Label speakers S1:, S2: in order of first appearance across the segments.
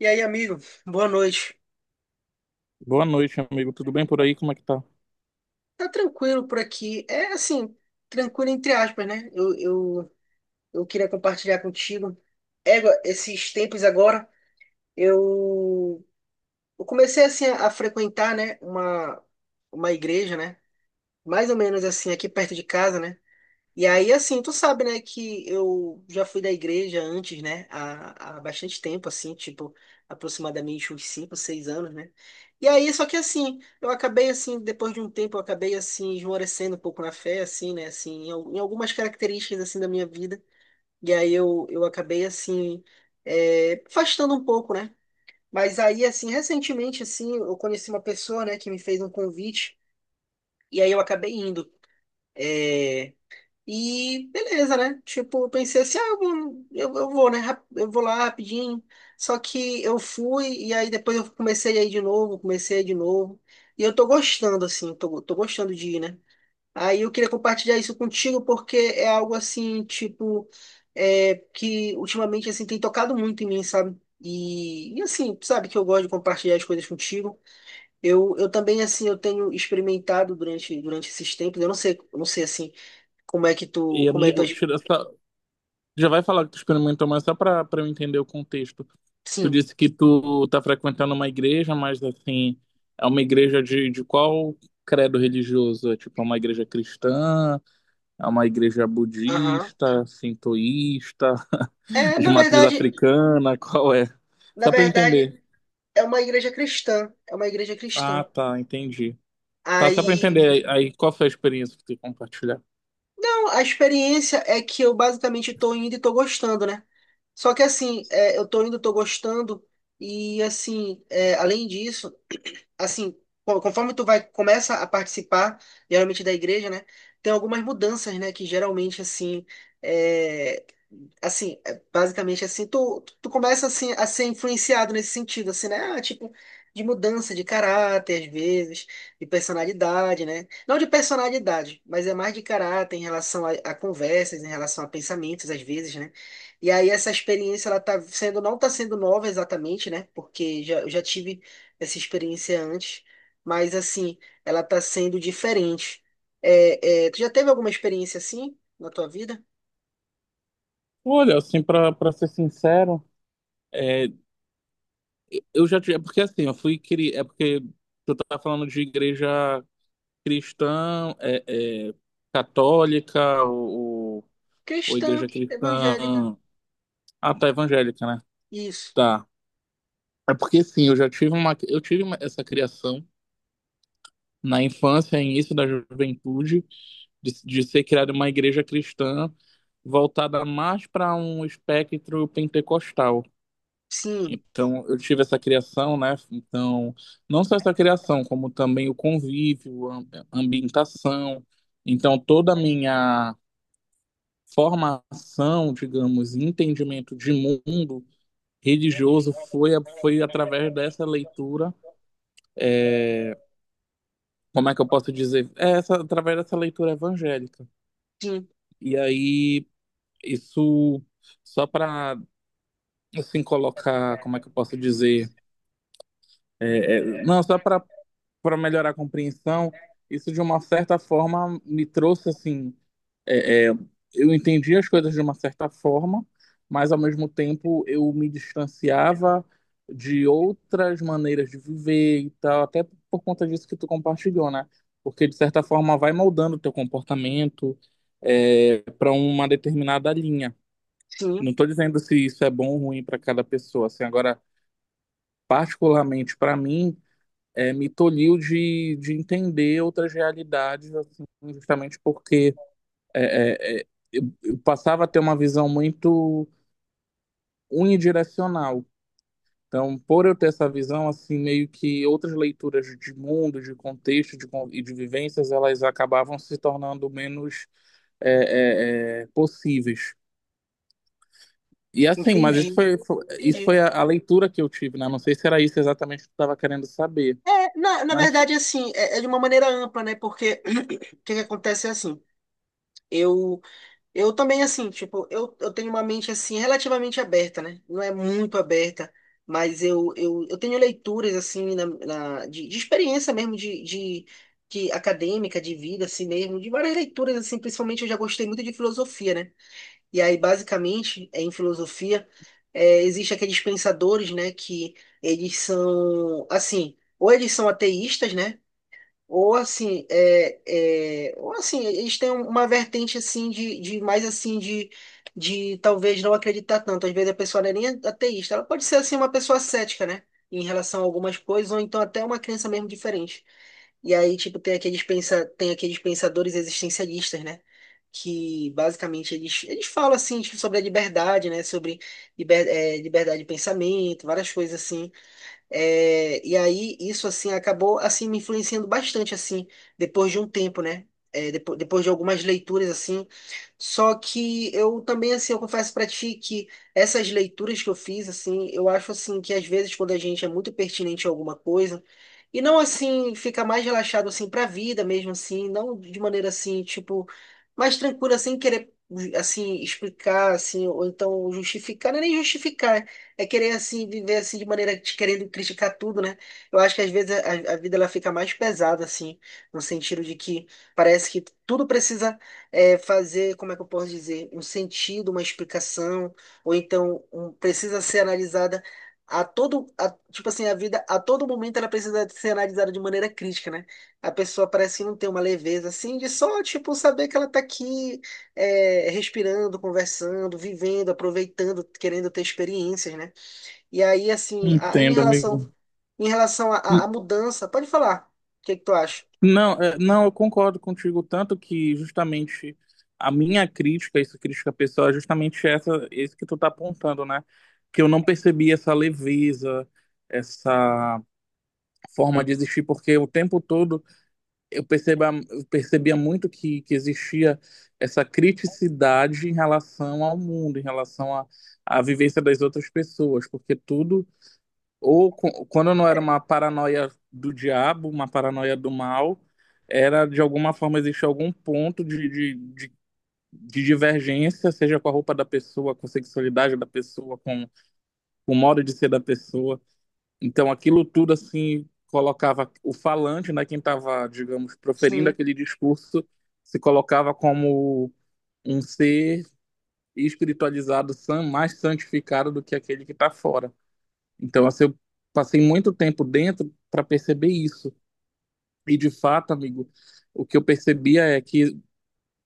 S1: E aí, amigo, boa noite.
S2: Boa noite, amigo. Tudo bem por aí? Como é que tá?
S1: Tá tranquilo por aqui. É assim, tranquilo entre aspas, né? Eu queria compartilhar contigo. Égua, esses tempos agora, eu, eu comecei assim a frequentar, né, uma igreja, né? Mais ou menos assim, aqui perto de casa, né? E aí, assim, tu sabe, né, que eu já fui da igreja antes, né, há bastante tempo, assim, tipo, aproximadamente uns 5 6 anos, né? E aí, só que assim, eu acabei, assim, depois de um tempo, eu acabei, assim, esmorecendo um pouco na fé, assim, né, assim, em algumas características, assim, da minha vida. E aí eu acabei, assim, afastando um pouco, né? Mas aí, assim, recentemente, assim, eu conheci uma pessoa, né, que me fez um convite, e aí eu acabei indo. É, e beleza, né? Tipo, eu pensei assim, ah, eu vou, Eu vou lá rapidinho. Só que eu fui e aí depois eu comecei a ir de novo, comecei a ir de novo. E eu tô gostando, assim, tô gostando de ir, né? Aí eu queria compartilhar isso contigo porque é algo assim, tipo, que ultimamente, assim, tem tocado muito em mim, sabe? E assim, sabe que eu gosto de compartilhar as coisas contigo. Eu também, assim, eu tenho experimentado durante esses tempos, eu não sei, assim,
S2: E,
S1: como é tua,
S2: amigo,
S1: ex-
S2: tira essa... Já vai falar que tu experimentou, mas só pra eu entender o contexto. Tu
S1: Sim,
S2: disse que tu tá frequentando uma igreja, mas assim, é uma igreja de qual credo religioso? É tipo, é uma igreja cristã? É uma igreja
S1: aham.
S2: budista? Sintoísta?
S1: É,
S2: De
S1: na
S2: uma atriz
S1: verdade,
S2: africana, qual é?
S1: na
S2: Só pra eu
S1: verdade
S2: entender.
S1: é uma igreja cristã, é uma igreja
S2: Ah,
S1: cristã.
S2: tá, entendi. Tá, só pra eu
S1: Aí,
S2: entender aí, qual foi a experiência que você compartilhar.
S1: não, a experiência é que eu basicamente tô indo e tô gostando, né? Só que assim, é, eu tô indo, tô gostando e assim, é, além disso assim, conforme tu vai começa a participar geralmente da igreja, né? Tem algumas mudanças, né? Que geralmente é, assim, é, basicamente assim, tu começa assim a ser influenciado nesse sentido, assim, né? Ah, tipo de mudança de caráter às vezes, de personalidade, né? Não de personalidade, mas é mais de caráter em relação a conversas, em relação a pensamentos às vezes, né? E aí essa experiência ela tá sendo não tá sendo nova exatamente, né? Porque eu já tive essa experiência antes, mas assim, ela tá sendo diferente. É, é, tu já teve alguma experiência assim na tua vida?
S2: Olha, assim, pra ser sincero, é, eu já tive. É porque assim, eu fui criar. É porque tu tá falando de igreja cristã, católica, ou igreja
S1: Cristã, evangélica.
S2: cristã. Ah, tá, evangélica, né?
S1: Isso.
S2: Tá. É porque sim, eu já tive uma. Essa criação na infância, início da juventude, de ser criada uma igreja cristã voltada mais para um espectro pentecostal.
S1: Sim,
S2: Então, eu tive essa criação, né? Então, não só essa criação, como também o convívio, a ambientação. Então, toda a minha formação, digamos, entendimento de mundo religioso foi, foi através dessa leitura. Como é que eu posso dizer? É essa, através dessa leitura evangélica.
S1: sim,
S2: E aí, isso só para assim colocar, como é que eu posso dizer? É, é, não, só para melhorar a compreensão, isso de uma certa forma me trouxe assim, é, é, eu entendi as coisas de uma certa forma, mas ao mesmo tempo eu me distanciava de outras maneiras de viver e tal, até por conta disso que tu compartilhou, né? Porque de certa forma vai moldando o teu comportamento para uma determinada linha. Não
S1: sim.
S2: estou dizendo se isso é bom ou ruim para cada pessoa. Assim, agora, particularmente para mim, me tolhiu de entender outras realidades, assim, justamente porque eu passava a ter uma visão muito unidirecional. Então, por eu ter essa visão, assim, meio que outras leituras de mundo, de contexto de, con- e de vivências, elas acabavam se tornando menos possíveis. E assim, mas
S1: Entendi.
S2: isso foi
S1: Entendi.
S2: a leitura que eu tive, né? Não sei se era isso exatamente que eu estava querendo saber,
S1: É, na
S2: mas
S1: verdade, assim, é, é de uma maneira ampla, né? Porque o que que acontece é assim. Eu Eu também, assim, tipo, eu tenho uma mente, assim, relativamente aberta, né? Não é muito aberta, mas eu tenho leituras, assim, de experiência mesmo, de acadêmica, de vida, assim mesmo, de várias leituras, assim, principalmente eu já gostei muito de filosofia, né? E aí, basicamente, é, em filosofia, é, existe aqueles pensadores, né, que ou eles são ateístas, né? Ou assim, é, é, ou assim, eles têm uma vertente assim de mais assim de talvez não acreditar tanto. Às vezes a pessoa não é nem ateísta, ela pode ser assim uma pessoa cética, né? Em relação a algumas coisas, ou então até uma crença mesmo diferente. E aí, tipo, tem aqueles pensadores existencialistas, né? Que basicamente eles falam assim, tipo, sobre a liberdade, né? Sobre liberdade de pensamento, várias coisas assim. É, e aí isso assim acabou assim me influenciando bastante assim depois de um tempo, né? É, depois de algumas leituras assim, só que eu também assim eu confesso pra ti que essas leituras que eu fiz assim, eu acho assim que às vezes quando a gente é muito pertinente a alguma coisa e não assim fica mais relaxado assim para a vida mesmo assim, não de maneira assim tipo mais tranquila sem querer assim explicar assim ou então justificar, não é nem justificar é querer assim viver assim de maneira te querendo criticar tudo, né? Eu acho que às vezes a vida ela fica mais pesada assim, no sentido de que parece que tudo precisa é, fazer, como é que eu posso dizer, um sentido, uma explicação, ou então precisa ser analisada tipo assim, a vida a todo momento ela precisa ser analisada de maneira crítica, né? A pessoa parece que não tem uma leveza assim de só tipo saber que ela tá aqui é, respirando, conversando, vivendo, aproveitando, querendo ter experiências, né? E aí, assim,
S2: entendo, amigo.
S1: em relação à
S2: N-
S1: mudança, pode falar. O que que tu acha?
S2: Não, eu concordo contigo, tanto que justamente a minha crítica, isso crítica pessoal, é justamente essa, esse que tu tá apontando, né? Que eu não percebi essa leveza, essa forma de existir, porque o tempo todo eu percebia muito que existia essa criticidade em relação ao mundo, em relação à, à vivência das outras pessoas, porque tudo, quando não
S1: É.
S2: era uma paranoia do diabo, uma paranoia do mal, era de alguma forma existia algum ponto de divergência, seja com a roupa da pessoa, com a sexualidade da pessoa, com o modo de ser da pessoa. Então, aquilo tudo, assim, colocava o falante, né, quem estava, digamos, proferindo
S1: Sim.
S2: aquele discurso, se colocava como um ser espiritualizado, mais santificado do que aquele que está fora. Então, assim, eu passei muito tempo dentro para perceber isso. E, de fato, amigo, o que eu percebia é que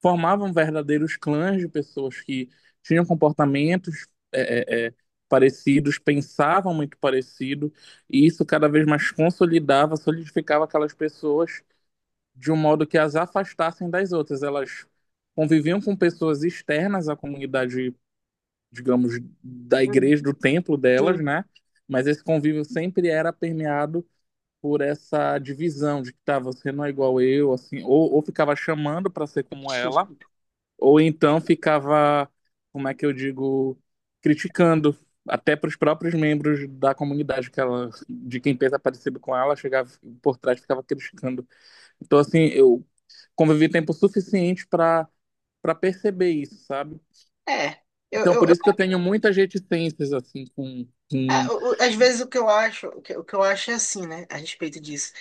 S2: formavam verdadeiros clãs de pessoas que tinham comportamentos parecidos, pensavam muito parecido, e isso cada vez mais consolidava, solidificava aquelas pessoas de um modo que as afastassem das outras. Elas conviviam com pessoas externas à comunidade, digamos, da
S1: Uhum.
S2: igreja, do templo delas,
S1: Sim.
S2: né? Mas esse convívio sempre era permeado por essa divisão de que tá, você não é igual eu, assim, ou ficava chamando para ser como ela, ou então ficava, como é que eu digo, criticando até para os próprios membros da comunidade que ela, de quem pensa parecido com ela, chegava por trás e ficava criticando. Então, assim, eu convivi tempo suficiente para perceber isso, sabe?
S1: É, eu,
S2: Então,
S1: eu,
S2: por
S1: eu-
S2: isso que eu tenho muitas reticências, assim,
S1: às vezes o que eu acho, o que eu acho é assim, né, a respeito disso,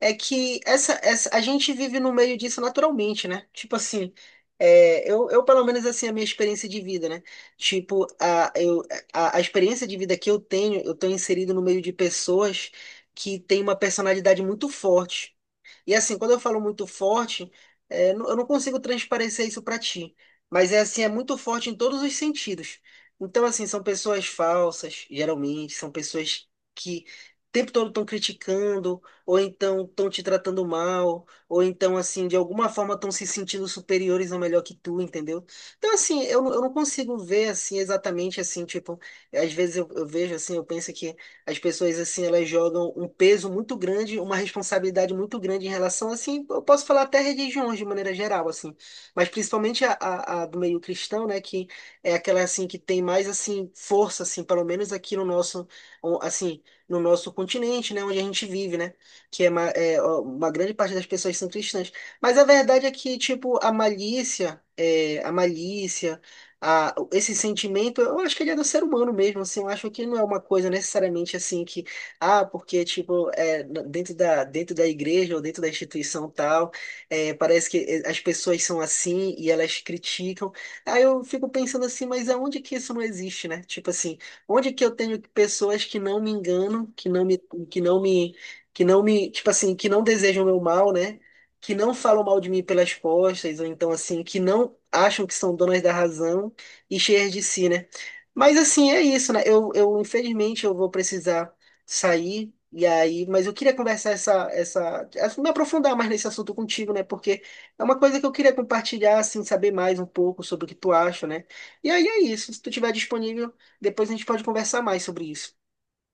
S1: é que a gente vive no meio disso naturalmente, né? Tipo assim, é, eu pelo menos assim a minha experiência de vida, né? Tipo a experiência de vida que eu tenho, eu tô inserido no meio de pessoas que têm uma personalidade muito forte. E assim, quando eu falo muito forte, é, eu não consigo transparecer isso para ti, mas é assim, é muito forte em todos os sentidos. Então, assim, são pessoas falsas, geralmente, são pessoas que o tempo todo estão criticando, ou então estão te tratando mal, ou então, assim, de alguma forma estão se sentindo superiores ou melhor que tu, entendeu? Então, assim, eu, eu não consigo ver, assim, exatamente, assim, tipo, às vezes eu vejo, assim, eu penso que as pessoas, assim, elas jogam um peso muito grande, uma responsabilidade muito grande em relação, assim, eu posso falar até religiões de maneira geral, assim, mas principalmente a do meio cristão, né, que é aquela, assim, que tem mais, assim, força, assim, pelo menos aqui no nosso, assim, no nosso continente, né, onde a gente vive, né, que é uma grande parte das pessoas são cristãs. Mas a verdade é que, tipo, a malícia, esse sentimento, eu acho que ele é do ser humano mesmo, assim, eu acho que não é uma coisa necessariamente assim que, ah, porque, tipo, é, dentro da igreja ou dentro da instituição tal, é, parece que as pessoas são assim e elas criticam. Aí eu fico pensando assim, mas aonde que isso não existe, né? Tipo assim, onde que eu tenho pessoas que não me enganam, que não me, que não me, tipo assim, que não desejam o meu mal, né? Que não falam mal de mim pelas costas, ou então assim, que não acham que são donas da razão, e cheias de si, né? Mas assim, é isso, né? Eu infelizmente eu vou precisar sair e aí, mas eu queria conversar essa assim, me aprofundar mais nesse assunto contigo, né? Porque é uma coisa que eu queria compartilhar, assim, saber mais um pouco sobre o que tu acha, né? E aí é isso. Se tu tiver disponível, depois a gente pode conversar mais sobre isso.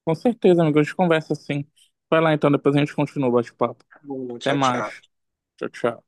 S2: com certeza, amigo, a gente conversa assim. Vai lá, então, depois a gente continua o bate-papo.
S1: Tá bom,
S2: Até
S1: tchau, tchau.
S2: mais. Tchau, tchau.